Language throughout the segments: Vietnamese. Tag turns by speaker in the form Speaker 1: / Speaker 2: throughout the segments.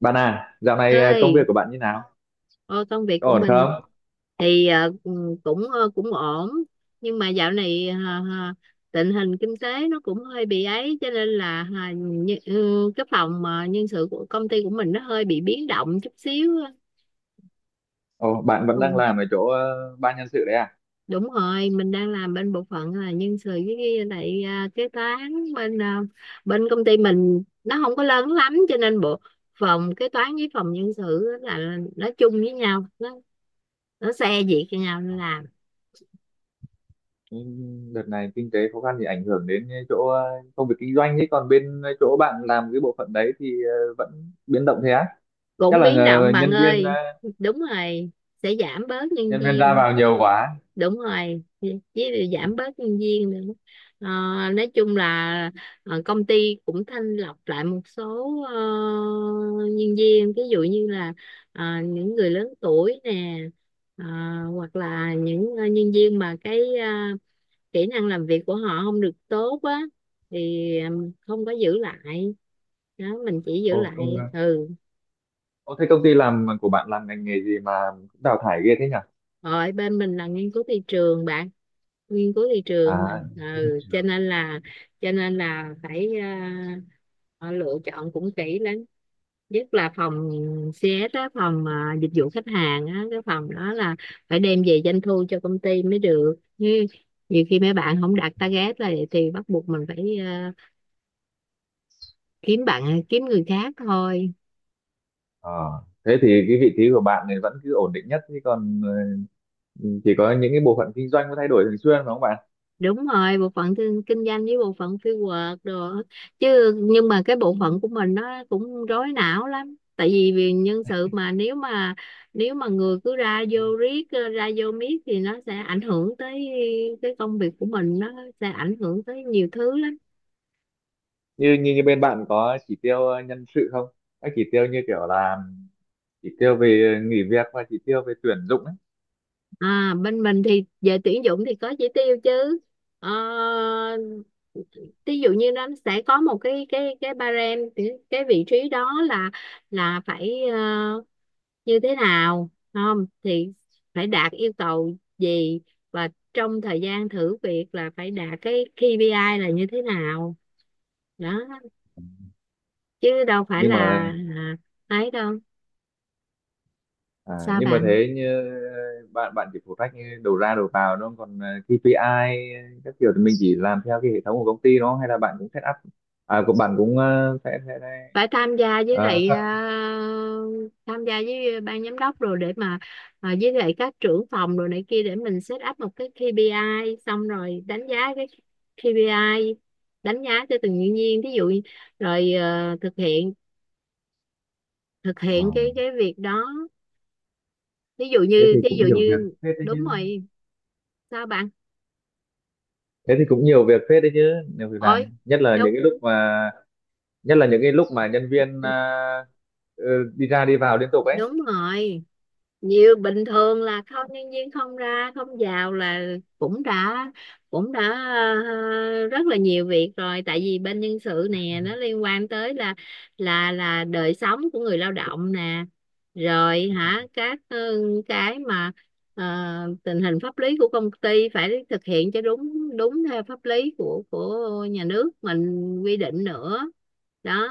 Speaker 1: Bạn à, dạo này công việc
Speaker 2: Ơi
Speaker 1: của bạn như nào?
Speaker 2: ô, công việc
Speaker 1: Có
Speaker 2: của
Speaker 1: ổn
Speaker 2: mình
Speaker 1: không?
Speaker 2: thì cũng ổn. Nhưng mà dạo này ờ, tình hình kinh tế nó cũng hơi bị ấy cho nên là cái phòng nhân sự của công ty của mình nó hơi bị biến động chút xíu.
Speaker 1: Ồ, bạn vẫn đang
Speaker 2: Ừ,
Speaker 1: làm ở chỗ ban nhân sự đấy à?
Speaker 2: đúng rồi, mình đang làm bên bộ phận là nhân sự với lại kế toán bên bên công ty mình nó không có lớn lắm cho nên bộ phòng kế toán với phòng nhân sự á là nó chung với nhau, nó xe việc cho nhau nó làm.
Speaker 1: Ừ. Đợt này kinh tế khó khăn thì ảnh hưởng đến cái chỗ công việc kinh doanh ấy, còn bên chỗ bạn làm cái bộ phận đấy thì vẫn biến động thế á? Chắc
Speaker 2: Cũng
Speaker 1: là
Speaker 2: biến động bạn ơi. Đúng rồi, sẽ giảm bớt nhân
Speaker 1: nhân viên ra
Speaker 2: viên.
Speaker 1: vào nhiều quá.
Speaker 2: Đúng rồi, với giảm bớt nhân viên nữa. Ờ, nói chung là công ty cũng thanh lọc lại một số nhân viên, ví dụ như là những người lớn tuổi nè, ờ, hoặc là những nhân viên mà cái kỹ năng làm việc của họ không được tốt á thì không có giữ lại. Đó, mình chỉ giữ
Speaker 1: Ồ,
Speaker 2: lại.
Speaker 1: công
Speaker 2: Ừ,
Speaker 1: Ồ, thế công ty làm của bạn làm ngành nghề gì mà cũng đào thải ghê thế nhỉ?
Speaker 2: rồi bên mình là nghiên cứu thị trường bạn, nghiên cứu thị trường mà.
Speaker 1: À, rất thị
Speaker 2: Ừ,
Speaker 1: trường.
Speaker 2: cho nên là, cho nên là phải họ lựa chọn cũng kỹ lắm, nhất là phòng CS á, phòng dịch vụ khách hàng á, cái phòng đó là phải đem về doanh thu cho công ty mới được. Như nhiều khi mấy bạn không đạt target là thì bắt buộc mình phải kiếm bạn, kiếm người khác thôi.
Speaker 1: ờ, Thế thì cái vị trí của bạn này vẫn cứ ổn định nhất chứ còn chỉ có những cái bộ phận kinh doanh mới thay đổi thường xuyên đúng không bạn?
Speaker 2: Đúng rồi, bộ phận kinh doanh với bộ phận fieldwork đồ á. Chứ nhưng mà cái bộ phận của mình nó cũng rối não lắm, tại vì vì nhân sự mà, nếu mà, nếu mà người cứ ra vô riết ra vô miết thì nó sẽ ảnh hưởng tới cái công việc của mình, nó sẽ ảnh hưởng tới nhiều thứ lắm.
Speaker 1: Như như như bên bạn có chỉ tiêu nhân sự không, các chỉ tiêu như kiểu là chỉ tiêu về nghỉ việc và chỉ tiêu về tuyển dụng ấy.
Speaker 2: À, bên mình thì về tuyển dụng thì có chỉ tiêu chứ. Ờ, Ví dụ như nó sẽ có một cái barem, cái vị trí đó là phải như thế nào, không thì phải đạt yêu cầu gì, và trong thời gian thử việc là phải đạt cái KPI là như thế nào. Đó, chứ đâu phải
Speaker 1: nhưng
Speaker 2: là,
Speaker 1: mà
Speaker 2: là ấy đâu. Sao
Speaker 1: nhưng mà
Speaker 2: bạn?
Speaker 1: thế bạn bạn chỉ phụ trách như đầu ra đầu vào đúng không, còn KPI các kiểu thì mình chỉ làm theo cái hệ thống của công ty đó hay là bạn cũng set up, à của bạn cũng
Speaker 2: Phải tham gia với
Speaker 1: ờ,
Speaker 2: lại tham gia với ban giám đốc rồi, để mà với lại các trưởng phòng rồi này kia, để mình set up một cái KPI, xong rồi đánh giá cái KPI, đánh giá cho từng nhân viên thí dụ. Rồi thực hiện, thực
Speaker 1: ờ,
Speaker 2: hiện cái việc đó.
Speaker 1: thế thì
Speaker 2: Thí dụ
Speaker 1: cũng nhiều việc
Speaker 2: như,
Speaker 1: phết đấy
Speaker 2: đúng
Speaker 1: chứ.
Speaker 2: rồi. Sao bạn?
Speaker 1: Thế thì cũng nhiều việc phết đấy chứ Nhiều việc làm,
Speaker 2: Ôi
Speaker 1: nhất là những
Speaker 2: đúng,
Speaker 1: cái lúc mà nhất là những cái lúc mà nhân viên đi ra đi vào liên tục ấy.
Speaker 2: đúng rồi, nhiều. Bình thường là không, nhân viên không ra không vào là cũng đã, cũng đã rất là nhiều việc rồi, tại vì bên nhân sự nè, nó liên quan tới là đời sống của người lao động nè, rồi hả các cái mà ờ, tình hình pháp lý của công ty phải thực hiện cho đúng, đúng theo pháp lý của nhà nước mình quy định nữa. Đó,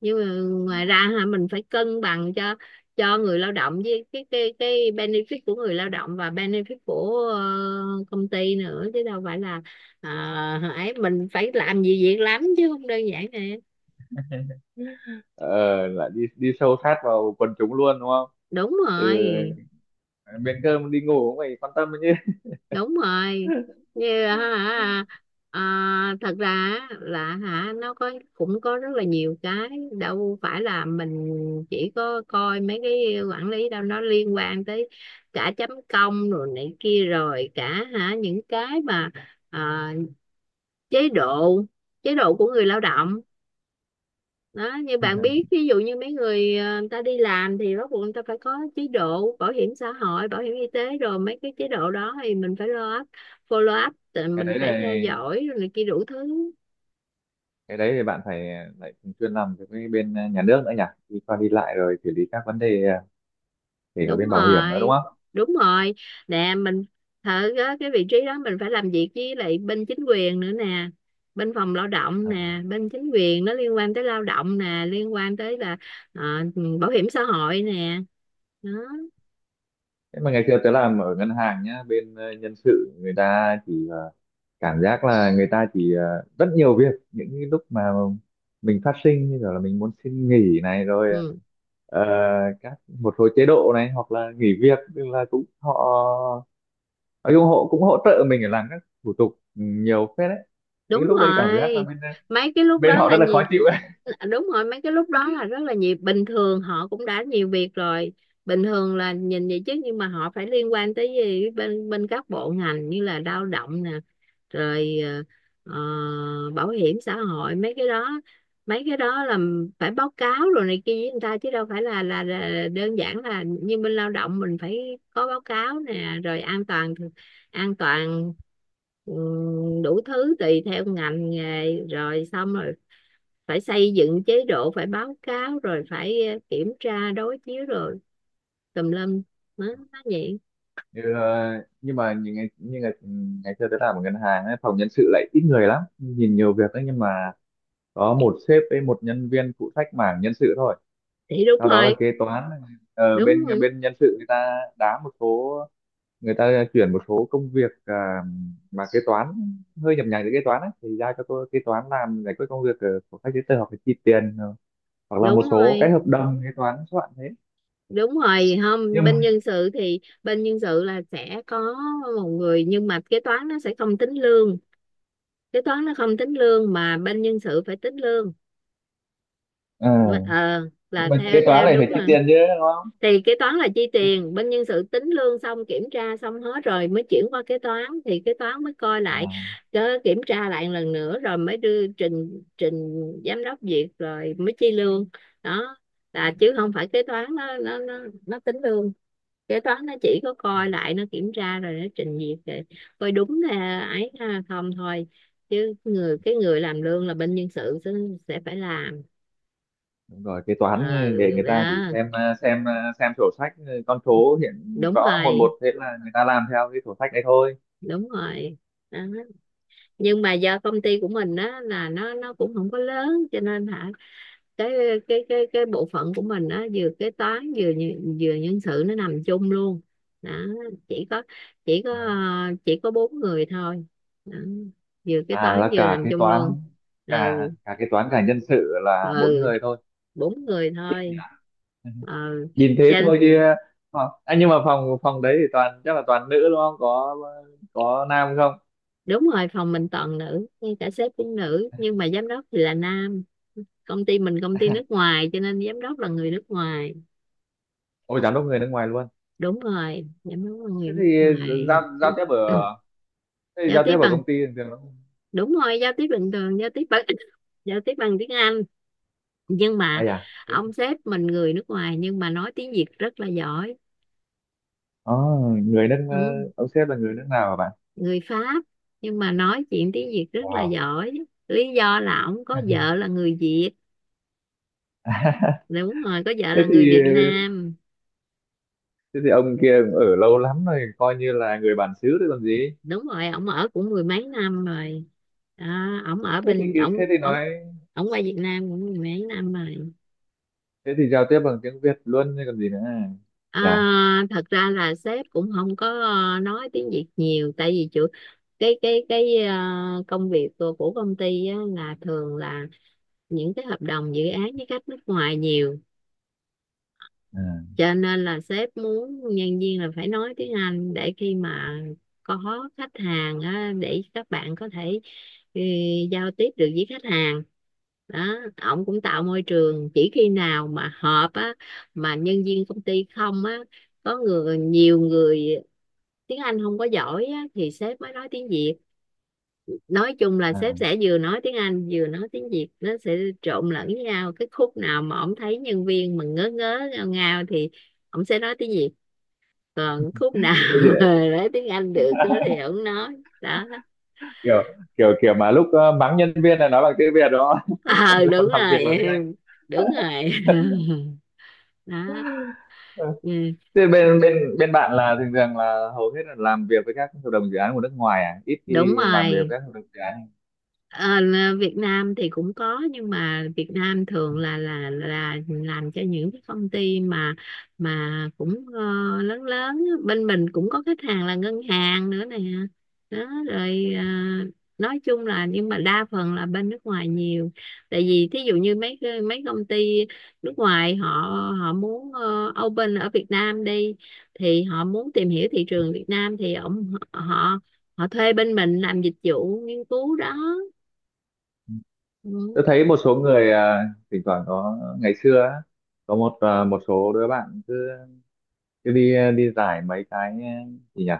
Speaker 2: nhưng mà ngoài ra hả, mình phải cân bằng cho người lao động với cái benefit của người lao động và benefit của công ty nữa, chứ đâu phải là ấy, mình phải làm gì việc lắm chứ không đơn giản nè.
Speaker 1: ờ Lại đi đi sâu sát vào quần chúng luôn đúng không,
Speaker 2: Đúng
Speaker 1: từ
Speaker 2: rồi,
Speaker 1: miếng cơm đi ngủ cũng phải quan tâm đấy chứ.
Speaker 2: đúng rồi. Như hả, ờ, thật ra á, là hả, nó có, cũng có rất là nhiều cái, đâu phải là mình chỉ có coi mấy cái quản lý đâu, nó liên quan tới cả chấm công rồi này kia, rồi cả hả những cái mà à, chế độ, chế độ của người lao động. Đó, như bạn biết, ví dụ như mấy người người ta đi làm thì bắt buộc người ta phải có chế độ bảo hiểm xã hội, bảo hiểm y tế, rồi mấy cái chế độ đó thì mình phải lo up, follow up, tự
Speaker 1: cái
Speaker 2: mình
Speaker 1: đấy
Speaker 2: phải
Speaker 1: là
Speaker 2: theo dõi rồi này kia đủ thứ.
Speaker 1: cái đấy thì bạn phải lại thường xuyên làm việc với bên nhà nước nữa nhỉ, đi qua đi lại rồi xử lý các vấn đề, kể cả
Speaker 2: Đúng
Speaker 1: bên bảo hiểm nữa đúng
Speaker 2: rồi,
Speaker 1: không?
Speaker 2: đúng rồi nè, mình thử á, cái vị trí đó mình phải làm việc với lại bên chính quyền nữa nè, bên phòng lao động
Speaker 1: À.
Speaker 2: nè, bên chính quyền nó liên quan tới lao động nè, liên quan tới là ờ, bảo hiểm xã hội nè. Đó.
Speaker 1: Thế mà ngày xưa tớ làm ở ngân hàng nhá, bên nhân sự người ta chỉ cảm giác là người ta chỉ rất nhiều việc những cái lúc mà mình phát sinh như kiểu là mình muốn xin nghỉ này rồi,
Speaker 2: Ừ,
Speaker 1: ờ, các một số chế độ này hoặc là nghỉ việc, tức là cũng họ nói chung họ cũng hỗ trợ mình để làm các thủ tục, nhiều phết đấy. Những
Speaker 2: đúng
Speaker 1: lúc đấy cảm giác là
Speaker 2: rồi.
Speaker 1: bên
Speaker 2: Mấy cái lúc
Speaker 1: bên
Speaker 2: đó
Speaker 1: họ
Speaker 2: là
Speaker 1: rất là khó
Speaker 2: nhiều,
Speaker 1: chịu ấy.
Speaker 2: đúng rồi, mấy cái lúc đó là rất là nhiều. Bình thường họ cũng đã nhiều việc rồi. Bình thường là nhìn vậy chứ nhưng mà họ phải liên quan tới gì bên bên các bộ ngành như là lao động nè, rồi bảo hiểm xã hội, mấy cái đó, mấy cái đó là phải báo cáo rồi này kia với người ta, chứ đâu phải là là đơn giản. Là như bên lao động, mình phải có báo cáo nè, rồi an toàn, an toàn, ừ, đủ thứ tùy theo ngành nghề. Rồi xong rồi phải xây dựng chế độ, phải báo cáo, rồi phải kiểm tra đối chiếu, rồi tùm lum, nó vậy.
Speaker 1: Ừ. Nhưng mà những ngày như ngày ngày xưa tôi làm ở ngân hàng ấy, phòng nhân sự lại ít người lắm, nhìn nhiều việc đấy nhưng mà có một sếp với một nhân viên phụ trách mảng nhân sự thôi,
Speaker 2: Thì đúng
Speaker 1: sau đó là
Speaker 2: rồi,
Speaker 1: kế toán.
Speaker 2: đúng
Speaker 1: Bên
Speaker 2: rồi,
Speaker 1: bên nhân sự người ta đá một số, người ta chuyển một số công việc mà kế toán hơi nhập nhằng với kế toán ấy, thì giao cho tôi kế toán làm giải quyết công việc của các giấy tờ hoặc là chi tiền, hoặc là một
Speaker 2: đúng
Speaker 1: số cái
Speaker 2: rồi.
Speaker 1: hợp đồng kế toán soạn thế.
Speaker 2: Đúng rồi, không,
Speaker 1: nhưng
Speaker 2: bên nhân sự thì bên nhân sự là sẽ có một người, nhưng mà kế toán nó sẽ không tính lương, kế toán nó không tính lương mà bên nhân sự phải tính lương. Mà-
Speaker 1: ờ,
Speaker 2: ờ
Speaker 1: nhưng
Speaker 2: là
Speaker 1: mà kế
Speaker 2: theo
Speaker 1: toán
Speaker 2: theo
Speaker 1: này phải
Speaker 2: đúng
Speaker 1: chi
Speaker 2: rồi.
Speaker 1: tiền chứ đúng không?
Speaker 2: Thì kế toán là chi tiền, bên nhân sự tính lương xong kiểm tra xong hết rồi mới chuyển qua kế toán, thì kế toán mới coi lại,
Speaker 1: à,
Speaker 2: cứ kiểm tra lại lần nữa rồi mới đưa trình, giám đốc duyệt rồi mới chi lương. Đó, là chứ không phải kế toán nó tính lương. Kế toán nó chỉ có coi lại, nó kiểm tra rồi nó trình duyệt để coi đúng là ấy ha, không thôi. Chứ người, cái người làm lương là bên nhân sự sẽ phải làm.
Speaker 1: Đúng rồi, kế toán
Speaker 2: Ờ
Speaker 1: nghề người ta chỉ
Speaker 2: đó,
Speaker 1: xem xem sổ sách, con số hiện
Speaker 2: đúng
Speaker 1: rõ một
Speaker 2: rồi,
Speaker 1: một, thế là người ta làm theo cái sổ sách đấy thôi.
Speaker 2: đúng rồi. Đó, nhưng mà do công ty của mình á là nó cũng không có lớn cho nên hả, cái cái bộ phận của mình á, vừa kế toán vừa vừa nhân sự, nó nằm chung luôn. Đó, chỉ có, chỉ có bốn người thôi. Đó, vừa kế
Speaker 1: À,
Speaker 2: toán
Speaker 1: là
Speaker 2: vừa
Speaker 1: cả
Speaker 2: nằm
Speaker 1: kế
Speaker 2: chung
Speaker 1: toán,
Speaker 2: luôn.
Speaker 1: cả
Speaker 2: ừ
Speaker 1: cả kế toán cả nhân sự
Speaker 2: ừ
Speaker 1: là bốn người thôi.
Speaker 2: Bốn người thôi.
Speaker 1: Ừ.
Speaker 2: Ừ,
Speaker 1: Nhìn thế
Speaker 2: trên.
Speaker 1: thôi chứ. Ờ, à, nhưng mà phòng phòng đấy thì toàn chắc là toàn nữ đúng không, có có nam không?
Speaker 2: Đúng rồi, phòng mình toàn nữ, ngay cả sếp cũng nữ, nhưng mà giám đốc thì là nam. Công ty mình công ty nước ngoài cho nên giám đốc là người nước ngoài.
Speaker 1: Ôi giám đốc người nước ngoài luôn.
Speaker 2: Đúng rồi, giám đốc là
Speaker 1: Thế
Speaker 2: người
Speaker 1: thì
Speaker 2: nước
Speaker 1: giao
Speaker 2: ngoài.
Speaker 1: giao tiếp ở, thế thì
Speaker 2: Giao
Speaker 1: giao
Speaker 2: tiếp
Speaker 1: tiếp ở
Speaker 2: bằng,
Speaker 1: công ty thường thường nó,
Speaker 2: đúng rồi, giao tiếp bình thường giao tiếp bằng giao tiếp bằng tiếng Anh. Nhưng mà
Speaker 1: ai à dạ. Thế,
Speaker 2: ông sếp mình người nước ngoài nhưng mà nói tiếng Việt rất là giỏi.
Speaker 1: Ồ, người nước
Speaker 2: Ừ.
Speaker 1: ông sếp là người nước nào hả bạn?
Speaker 2: Người Pháp, nhưng mà nói chuyện tiếng Việt rất là
Speaker 1: Wow.
Speaker 2: giỏi. Lý do là ông có vợ là người Việt. Đúng rồi, có vợ
Speaker 1: thế
Speaker 2: là người
Speaker 1: thì
Speaker 2: Việt Nam.
Speaker 1: Thế thì ông kia cũng ở lâu lắm rồi, coi như là người bản xứ rồi còn gì.
Speaker 2: Đúng rồi, ông ở cũng mười mấy năm rồi. Đó, ông ở
Speaker 1: thế thì
Speaker 2: bên
Speaker 1: Thế
Speaker 2: ông
Speaker 1: thì
Speaker 2: ông
Speaker 1: nói,
Speaker 2: ông qua Việt Nam cũng mười mấy năm rồi.
Speaker 1: thế thì giao tiếp bằng tiếng Việt luôn chứ còn gì nữa nhỉ,
Speaker 2: À, thật ra là sếp cũng không có nói tiếng Việt nhiều, tại vì chủ, cái công việc của công ty á, là thường là những cái hợp đồng dự án với khách nước ngoài nhiều, cho nên là sếp muốn nhân viên là phải nói tiếng Anh, để khi mà có khách hàng á, để các bạn có thể ừ, giao tiếp được với khách hàng. Đó, ổng cũng tạo môi trường. Chỉ khi nào mà họp á, mà nhân viên công ty không á, có người, nhiều người tiếng Anh không có giỏi á, thì sếp mới nói tiếng Việt. Nói chung là sếp
Speaker 1: à.
Speaker 2: sẽ vừa nói tiếng Anh vừa nói tiếng Việt, nó sẽ trộn lẫn với nhau. Cái khúc nào mà ổng thấy nhân viên mà ngớ ngớ ngao ngao thì ổng sẽ nói tiếng Việt, còn khúc nào
Speaker 1: Thế thì,
Speaker 2: nói tiếng Anh được đó thì ổng nói. Đó
Speaker 1: kiểu kiểu kiểu mà lúc mắng nhân viên là nói bằng tiếng Việt đó.
Speaker 2: ờ,
Speaker 1: làm
Speaker 2: đúng
Speaker 1: làm việc
Speaker 2: rồi
Speaker 1: bằng tiếng Anh.
Speaker 2: em. Đúng rồi đó.
Speaker 1: Ừ.
Speaker 2: Ừ.
Speaker 1: Thế bên bên bên bạn là thường thường là hầu hết là làm việc với các hợp đồng dự án của nước ngoài à, ít
Speaker 2: Đúng
Speaker 1: khi làm việc
Speaker 2: rồi.
Speaker 1: với các hợp đồng dự án.
Speaker 2: Ờ, là Việt Nam thì cũng có, nhưng mà Việt Nam thường là làm cho những cái công ty mà cũng lớn lớn á. Bên mình cũng có khách hàng là ngân hàng nữa nè. Đó, rồi nói chung là, nhưng mà đa phần là bên nước ngoài nhiều. Tại vì thí dụ như mấy công ty nước ngoài họ, họ muốn open ở Việt Nam đi, thì họ muốn tìm hiểu thị trường Việt Nam, thì ông họ họ thuê bên mình làm dịch vụ nghiên cứu đó.
Speaker 1: Tôi
Speaker 2: Ừ.
Speaker 1: thấy một số người, thỉnh thoảng có ngày xưa á, có một một số đứa bạn cứ đi đi giải mấy cái, gì nhỉ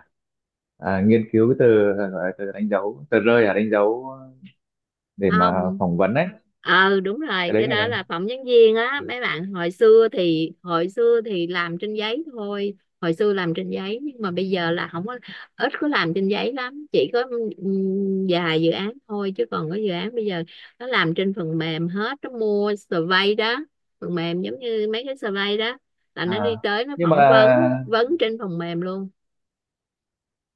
Speaker 1: nghiên cứu cái từ gọi là từ đánh dấu tờ rơi à, đánh dấu để mà
Speaker 2: Không,
Speaker 1: phỏng vấn ấy.
Speaker 2: đúng
Speaker 1: Cái
Speaker 2: rồi,
Speaker 1: đấy
Speaker 2: cái đó
Speaker 1: là
Speaker 2: là phỏng vấn viên á. Mấy bạn hồi xưa thì, hồi xưa thì làm trên giấy thôi. Hồi xưa làm trên giấy, nhưng mà bây giờ là không có, ít có làm trên giấy lắm, chỉ có vài dự án thôi, chứ còn có dự án bây giờ nó làm trên phần mềm hết, nó mua survey đó, phần mềm giống như mấy cái survey đó, là nó đi
Speaker 1: à
Speaker 2: tới nó
Speaker 1: Nhưng mà
Speaker 2: phỏng vấn, trên phần mềm luôn.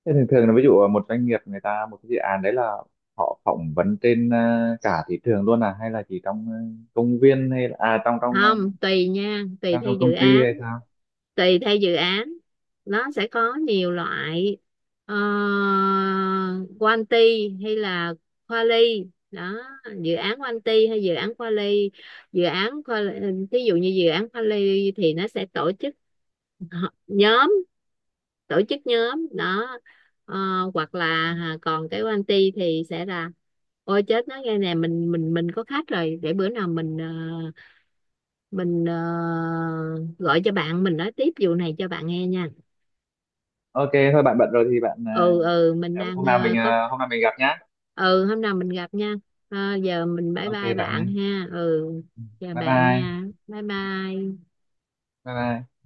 Speaker 1: thế thường thường là ví dụ một doanh nghiệp người ta một cái dự án đấy là họ phỏng vấn trên cả thị trường luôn à, hay là chỉ trong công viên, hay là à trong trong ờ,
Speaker 2: Không, tùy nha, tùy
Speaker 1: trong
Speaker 2: theo
Speaker 1: trong công
Speaker 2: dự
Speaker 1: ty
Speaker 2: án,
Speaker 1: hay sao?
Speaker 2: tùy theo dự án. Nó sẽ có nhiều loại, ờ, quanti hay là quali đó, dự án quanti hay dự án quali. Dự án quali, ví dụ như dự án quali thì nó sẽ tổ chức họ- nhóm, tổ chức nhóm đó. Ờ, Hoặc là à, còn cái quanti thì sẽ là, ôi chết, nói nghe nè, mình có khách rồi, để bữa nào mình mình gọi cho bạn, mình nói tiếp vụ này cho bạn nghe nha.
Speaker 1: OK thôi bạn bận rồi thì bạn,
Speaker 2: Ừ mình đang có.
Speaker 1: hôm nào mình gặp nhá.
Speaker 2: Ừ, hôm nào mình gặp nha. Ờ, giờ mình bye
Speaker 1: OK
Speaker 2: bye
Speaker 1: bạn ơi,
Speaker 2: bạn ha. Ừ, chào
Speaker 1: bye
Speaker 2: bạn
Speaker 1: bye.
Speaker 2: nha, bye bye.
Speaker 1: Bye bye.